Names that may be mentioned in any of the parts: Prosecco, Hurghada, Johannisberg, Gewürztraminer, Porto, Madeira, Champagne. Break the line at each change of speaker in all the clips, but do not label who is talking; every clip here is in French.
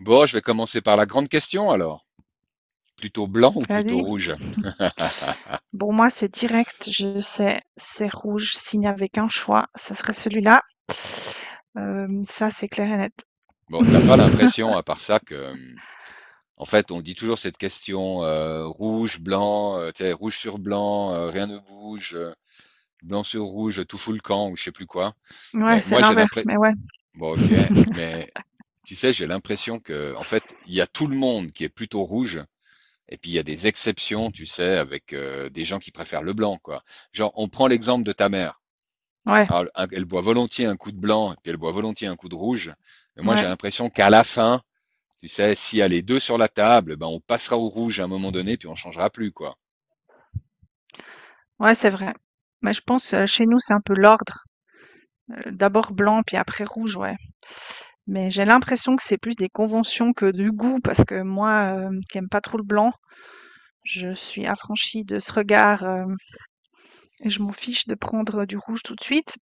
Bon, je vais commencer par la grande question alors. Plutôt blanc ou plutôt
Vas-y.
rouge?
Bon, moi, c'est direct, je sais, c'est rouge. S'il n'y avait qu'un choix, ce serait celui-là. Ça, c'est clair et net.
Bon, t'as pas l'impression, à part ça, que, en fait, on dit toujours cette question rouge, blanc, tu sais, rouge sur blanc, rien ne bouge, blanc sur rouge, tout fout le camp, ou je sais plus quoi.
Ouais,
Mais
c'est
moi, j'ai
l'inverse,
l'impression.
mais ouais.
Bon, ok, mais tu sais, j'ai l'impression que, en fait, il y a tout le monde qui est plutôt rouge, et puis il y a des exceptions, tu sais, avec des gens qui préfèrent le blanc, quoi. Genre, on prend l'exemple de ta mère.
Ouais,
Alors, elle boit volontiers un coup de blanc et puis elle boit volontiers un coup de rouge. Mais moi, j'ai
ouais,
l'impression qu'à la fin, tu sais, s'il y a les deux sur la table, ben, on passera au rouge à un moment donné, puis on changera plus, quoi.
ouais, c'est vrai. Mais je pense, chez nous, c'est un peu l'ordre. D'abord blanc, puis après rouge, ouais. Mais j'ai l'impression que c'est plus des conventions que du goût parce que moi, qui aime pas trop le blanc, je suis affranchie de ce regard, hem et je m'en fiche de prendre du rouge tout de suite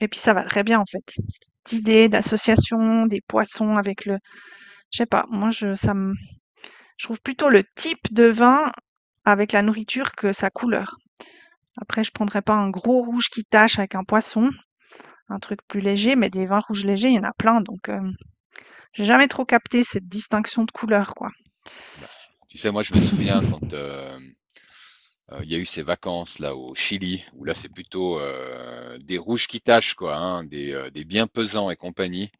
et puis ça va très bien en fait. Cette idée d'association des poissons avec le je sais pas, moi je ça me je trouve plutôt le type de vin avec la nourriture que sa couleur. Après je prendrais pas un gros rouge qui tache avec un poisson, un truc plus léger, mais des vins rouges légers, il y en a plein donc, j'ai jamais trop capté cette distinction de couleur quoi.
Ben, tu sais, moi, je me souviens quand il y a eu ces vacances là au Chili, où là, c'est plutôt des rouges qui tâchent, quoi, hein, des bien pesants et compagnie.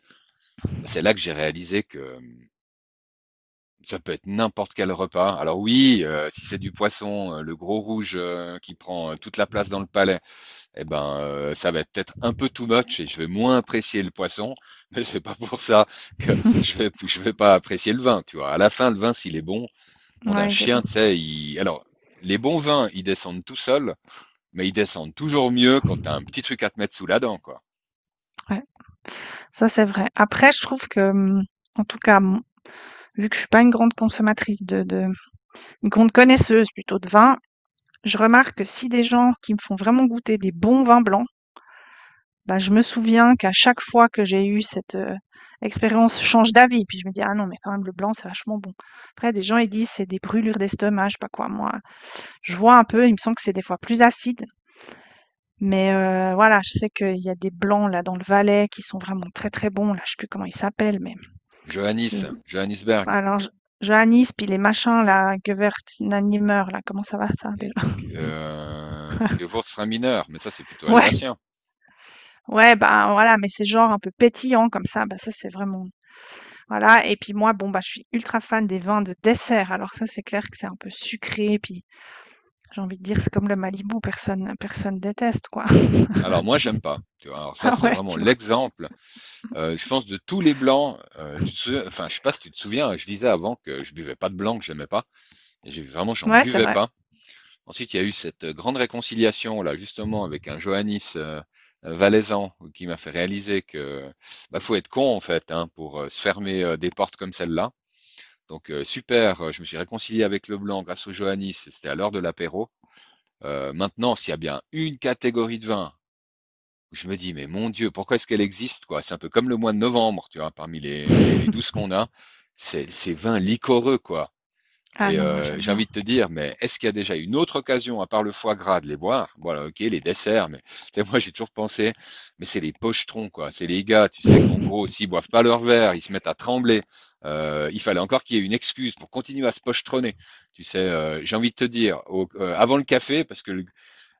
Ben, c'est là que j'ai réalisé que ça peut être n'importe quel repas. Alors oui, si c'est du poisson, le gros rouge qui prend toute la place dans le palais. Eh ben, ça va être peut-être un peu too much et je vais moins apprécier le poisson, mais c'est pas pour ça que je vais pas apprécier le vin, tu vois. À la fin, le vin, s'il est bon, bon d'un
Ouais, il est bon.
chien, tu sais, il... alors, les bons vins, ils descendent tout seuls, mais ils descendent toujours mieux quand t'as un petit truc à te mettre sous la dent, quoi.
Ouais, ça c'est vrai. Après, je trouve que, mmh, en tout cas, mon vu que je suis pas une grande consommatrice de, une grande connaisseuse plutôt de vin, je remarque que si des gens qui me font vraiment goûter des bons vins blancs, bah, je me souviens qu'à chaque fois que j'ai eu cette, expérience, je change d'avis. Puis je me dis: «Ah non, mais quand même le blanc, c'est vachement bon». Après des gens, ils disent: «C'est des brûlures d'estomac», je sais pas quoi. Moi, je vois un peu, il me semble que c'est des fois plus acide, mais voilà, je sais qu'il y a des blancs là dans le Valais qui sont vraiment très, très bons. Là, je sais plus comment ils s'appellent, mais c'est
Johannisberg.
alors Johannis puis les machins là, Gewirtz, nanimer là, comment ça va ça
Les
déjà?
Gewürztraminer, mais ça c'est plutôt
Ouais,
alsacien.
ouais, bah voilà, mais c'est genre un peu pétillant comme ça, bah ça c'est vraiment voilà. Et puis moi, bon bah je suis ultra fan des vins de dessert. Alors ça c'est clair que c'est un peu sucré, puis j'ai envie de dire c'est comme le Malibu, personne déteste quoi.
Alors moi j'aime pas. Tu vois, alors ça
Ah
c'est
ouais,
vraiment
tu vois.
l'exemple. Je pense de tous les blancs. Enfin je sais pas si tu te souviens, je disais avant que je buvais pas de blanc, que j'aimais pas. Et j'en
Ouais, c'est
buvais
vrai.
pas. Ensuite, il y a eu cette grande réconciliation, là, justement, avec un Johannis valaisan qui m'a fait réaliser que bah, faut être con, en fait, hein, pour se fermer des portes comme celle-là. Donc, super, je me suis réconcilié avec le blanc grâce au Johannis, c'était à l'heure de l'apéro. Maintenant, s'il y a bien une catégorie de vin, je me dis, mais mon Dieu, pourquoi est-ce qu'elle existe, quoi? C'est un peu comme le mois de novembre, tu vois, parmi les 12 qu'on a, c'est ces vins liquoreux, quoi.
Ah
Et
non, moi j'aime
j'ai
bien.
envie de te dire, mais est-ce qu'il y a déjà une autre occasion, à part le foie gras, de les boire? Voilà, ok, les desserts, mais tu sais, moi j'ai toujours pensé, mais c'est les pochetrons, quoi. C'est les gars, tu sais, qu'en gros, s'ils boivent pas leur verre, ils se mettent à trembler. Il fallait encore qu'il y ait une excuse pour continuer à se pochetronner. Tu sais, j'ai envie de te dire, avant le café, parce que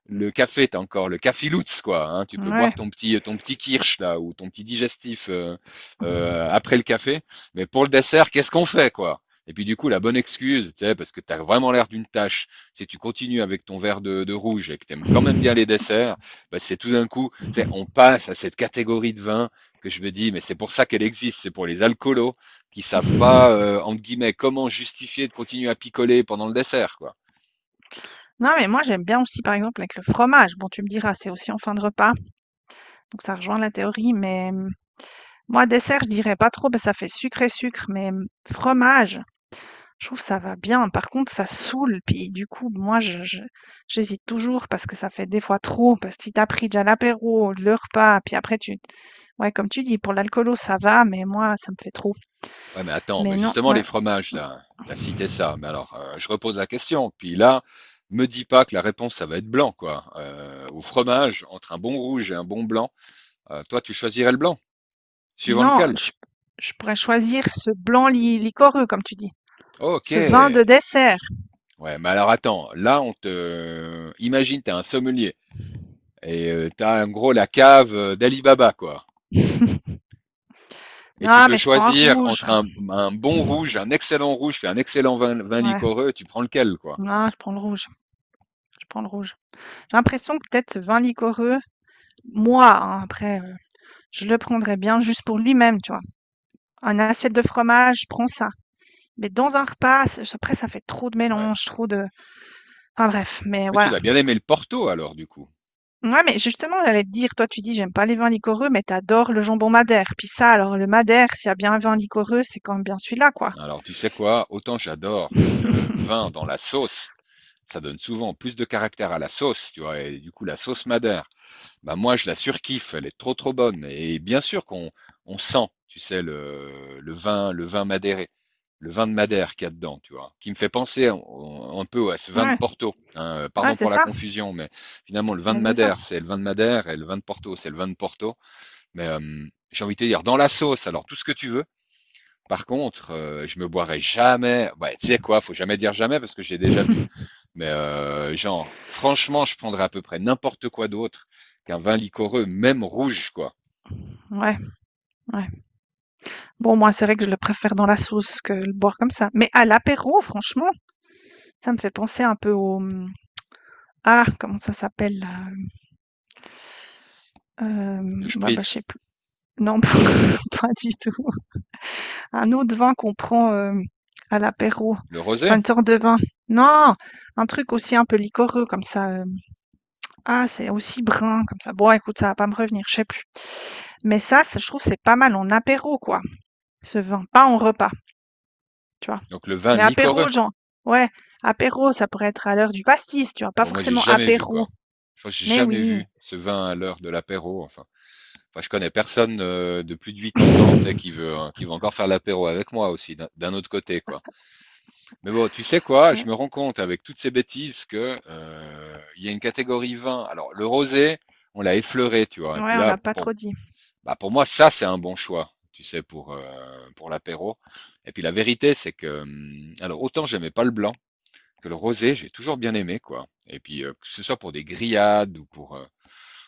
le café, t'as encore le cafilutz, quoi. Hein. Tu peux boire
Ouais.
ton petit kirsch, là, ou ton petit digestif après le café. Mais pour le dessert, qu'est-ce qu'on fait, quoi? Et puis, du coup, la bonne excuse, tu sais, parce que t'as vraiment l'air d'une tâche, si tu continues avec ton verre de rouge et que t'aimes quand même bien les desserts, bah, c'est tout d'un coup, tu sais, on passe à cette catégorie de vin que je me dis, mais c'est pour ça qu'elle existe, c'est pour les alcoolos qui savent pas, entre guillemets, comment justifier de continuer à picoler pendant le dessert, quoi.
Non, mais moi j'aime bien aussi par exemple avec le fromage. Bon, tu me diras, c'est aussi en fin de repas, donc ça rejoint la théorie, mais moi dessert, je dirais pas trop, parce que ça fait sucré-sucre, mais fromage, je trouve ça va bien. Par contre, ça saoule, puis du coup, j'hésite toujours parce que ça fait des fois trop, parce que si t'as pris déjà l'apéro, le repas, puis après tu... Ouais, comme tu dis, pour l'alcoolo ça va, mais moi ça me fait trop.
Ouais, mais attends,
Mais
mais
non,
justement, les
ouais.
fromages,
Hum,
là, t'as cité ça, mais alors, je repose la question. Puis là, me dis pas que la réponse, ça va être blanc, quoi. Au fromage, entre un bon rouge et un bon blanc, toi, tu choisirais le blanc, suivant
non,
lequel?
je pourrais choisir ce blanc liquoreux, comme tu dis,
Ok.
ce vin de dessert.
Ouais, mais alors attends, là, on te... Imagine, t'es un sommelier. Et t'as en gros la cave d'Alibaba, quoi. Et tu
Non,
peux
mais je prends un
choisir
rouge.
entre un bon rouge, un excellent rouge, puis un excellent vin
Ouais,
liquoreux, tu prends lequel, quoi.
non, je prends le rouge, je prends le rouge. J'ai l'impression que peut-être ce vin liquoreux, moi, hein, après, je le prendrais bien juste pour lui-même, tu vois? Un assiette de fromage, je prends ça. Mais dans un repas, c'est après ça fait trop de
Ouais.
mélange, trop de enfin bref, mais
Mais tu
voilà.
dois bien aimer le Porto alors, du coup.
Ouais, mais justement, j'allais te dire, toi, tu dis: «J'aime pas les vins liquoreux», mais t'adores le jambon madère. Puis ça, alors le madère, s'il y a bien un vin liquoreux, c'est quand même bien celui-là, quoi.
Alors, tu sais quoi? Autant j'adore le vin dans la sauce. Ça donne souvent plus de caractère à la sauce, tu vois, et du coup la sauce madère, bah moi je la surkiffe, elle est trop trop bonne. Et bien sûr qu'on on sent, tu sais, le vin madéré, le vin de Madère qu'il y a dedans, tu vois, qui me fait penser un peu à ce vin de
Ouais,
Porto. Hein,
ouais,
pardon
c'est
pour la
ça,
confusion, mais finalement le vin de
mais c'est ça.
Madère, c'est le vin de Madère, et le vin de Porto, c'est le vin de Porto. Mais j'ai envie de te dire, dans la sauce, alors tout ce que tu veux. Par contre, je me boirai jamais. Ouais, tu sais quoi, faut jamais dire jamais parce que j'ai déjà bu. Mais genre, franchement, je prendrais à peu près n'importe quoi d'autre qu'un vin liquoreux, même rouge, quoi.
Ouais, ouais. Bon, moi, c'est vrai que je le préfère dans la sauce que le boire comme ça. Mais à l'apéro, franchement, ça me fait penser un peu au... ah, comment ça s'appelle? Là, Euh,
Le
ouais, bah, je
spritz,
sais plus. Non, pas du tout. Un autre vin qu'on prend à l'apéro.
le rosé,
Enfin, une sorte de vin. Non, un truc aussi un peu liquoreux comme ça. Ah, c'est aussi brun comme ça. Bon, écoute, ça va pas me revenir, je sais plus. Mais ça, je trouve, c'est pas mal en apéro, quoi. Ce vin, pas en repas, tu vois.
donc le vin
Mais
liquoreux.
apéro, genre. Ouais, apéro, ça pourrait être à l'heure du pastis, tu vois. Pas
Bon, moi, j'ai
forcément
jamais vu,
apéro.
quoi. Je crois que j'ai
Mais
jamais vu
oui.
ce vin à l'heure de l'apéro. Enfin, enfin, je connais personne de plus de 80 ans, tu sais, qui veut, hein, qui veut encore faire l'apéro avec moi aussi, d'un autre côté, quoi. Mais bon, tu sais quoi, je
Ouais,
me rends compte avec toutes ces bêtises que il y a une catégorie vin. Alors, le rosé, on l'a effleuré, tu vois. Et puis
ouais, on
là,
l'a pas
bon,
trop dit.
bah, pour moi, ça, c'est un bon choix, tu sais, pour l'apéro. Et puis la vérité, c'est que, alors autant j'aimais pas le blanc que le rosé, j'ai toujours bien aimé, quoi. Et puis que ce soit pour des grillades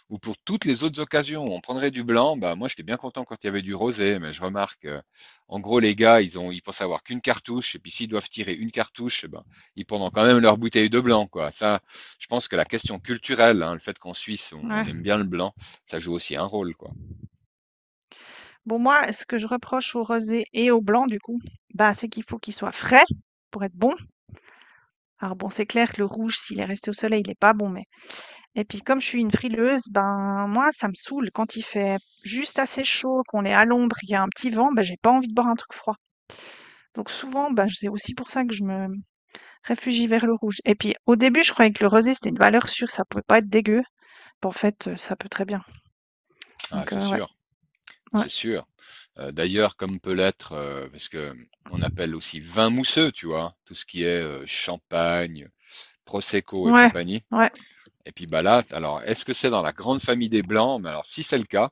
ou pour toutes les autres occasions où on prendrait du blanc, bah moi j'étais bien content quand il y avait du rosé, mais je remarque, en gros les gars, ils pensent avoir qu'une cartouche, et puis s'ils doivent tirer une cartouche, eh ben, ils prendront quand même leur bouteille de blanc, quoi. Ça, je pense que la question culturelle, hein, le fait qu'en Suisse on
Ouais.
on aime bien le blanc, ça joue aussi un rôle, quoi.
Bon, moi, ce que je reproche au rosé et au blanc, du coup, bah, c'est qu'il faut qu'il soit frais pour être bon. Alors bon, c'est clair que le rouge, s'il est resté au soleil, il est pas bon, mais et puis comme je suis une frileuse, ben moi, ça me saoule quand il fait juste assez chaud, qu'on est à l'ombre, qu'il y a un petit vent, ben j'ai pas envie de boire un truc froid. Donc souvent, ben c'est aussi pour ça que je me réfugie vers le rouge. Et puis au début, je croyais que le rosé, c'était une valeur sûre, ça pouvait pas être dégueu. Ben, en fait, ça peut très bien.
Ah,
Donc
c'est
ouais,
sûr.
ouais,
C'est sûr. D'ailleurs, comme peut l'être, parce que on appelle aussi vin mousseux, tu vois? Tout ce qui est, champagne, prosecco et
ouais,
compagnie,
ouais,
et puis, bah, là, alors est-ce que c'est dans la grande famille des blancs? Mais alors si c'est le cas,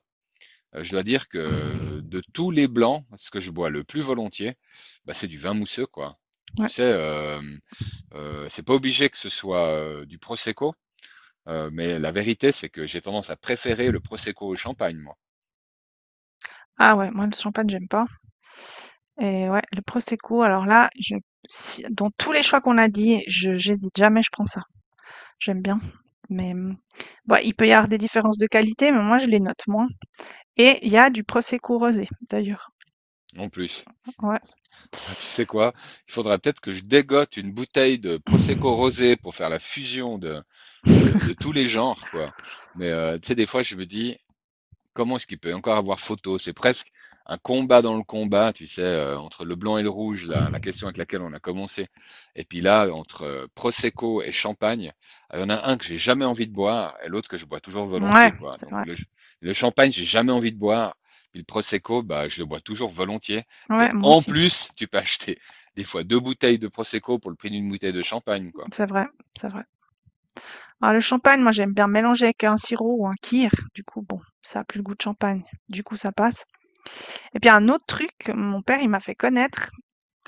je dois dire que de tous les blancs, ce que je bois le plus volontiers, bah, c'est du vin mousseux, quoi. Tu
ouais.
sais, hem, c'est pas obligé que ce soit, du prosecco, mais la vérité, c'est que j'ai tendance à préférer le prosecco au champagne, moi.
Ah ouais, moi le champagne, j'aime pas. Et ouais, le prosecco, alors là, je, dans tous les choix qu'on a dit, je, j'hésite jamais, je prends ça. J'aime bien. Mais, bon, il peut y avoir des différences de qualité, mais moi je les note moins. Et il y a du prosecco rosé d'ailleurs.
Non plus.
Ouais.
Ah bah, tu sais quoi? Il faudra peut-être que je dégote une bouteille de Prosecco rosé pour faire la fusion de tous les genres, quoi. Mais tu sais, des fois, je me dis, comment est-ce qu'il peut encore avoir photo? C'est presque un combat dans le combat, tu sais, entre le blanc et le rouge, la question avec laquelle on a commencé. Et puis là, entre Prosecco et Champagne, il y en a un que j'ai jamais envie de boire et l'autre que je bois toujours volontiers,
Ouais,
quoi.
c'est vrai.
Le Champagne, j'ai jamais envie de boire. Puis le Prosecco, bah, je le bois toujours volontiers. Et
Ouais, moi
en
aussi.
plus, tu peux acheter des fois deux bouteilles de Prosecco pour le prix d'une bouteille de champagne, quoi.
C'est vrai, c'est vrai. Alors le champagne, moi j'aime bien mélanger avec un sirop ou un kir. Du coup, bon, ça a plus le goût de champagne. Du coup, ça passe. Et puis un autre truc, mon père il m'a fait connaître.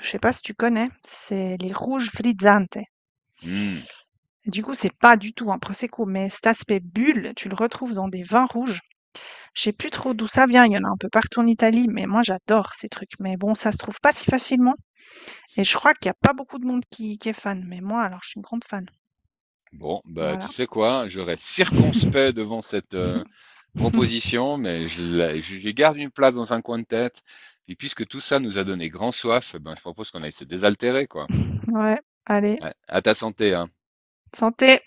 Je sais pas si tu connais, c'est les rouges frizzante.
Hmm.
Du coup, c'est pas du tout un prosecco, mais cet aspect bulle, tu le retrouves dans des vins rouges. Je sais plus trop d'où ça vient, il y en a un peu partout en Italie, mais moi j'adore ces trucs. Mais bon, ça se trouve pas si facilement et je crois qu'il y a pas beaucoup de monde qui est fan. Mais moi, alors, je suis une grande fan.
Bon, bah,
Voilà.
tu sais quoi, je reste circonspect devant cette, proposition, mais je garde une place dans un coin de tête. Et puisque tout ça nous a donné grand soif, eh ben, je propose qu'on aille se désaltérer, quoi.
Ouais, allez,
À ta santé, hein.
santé!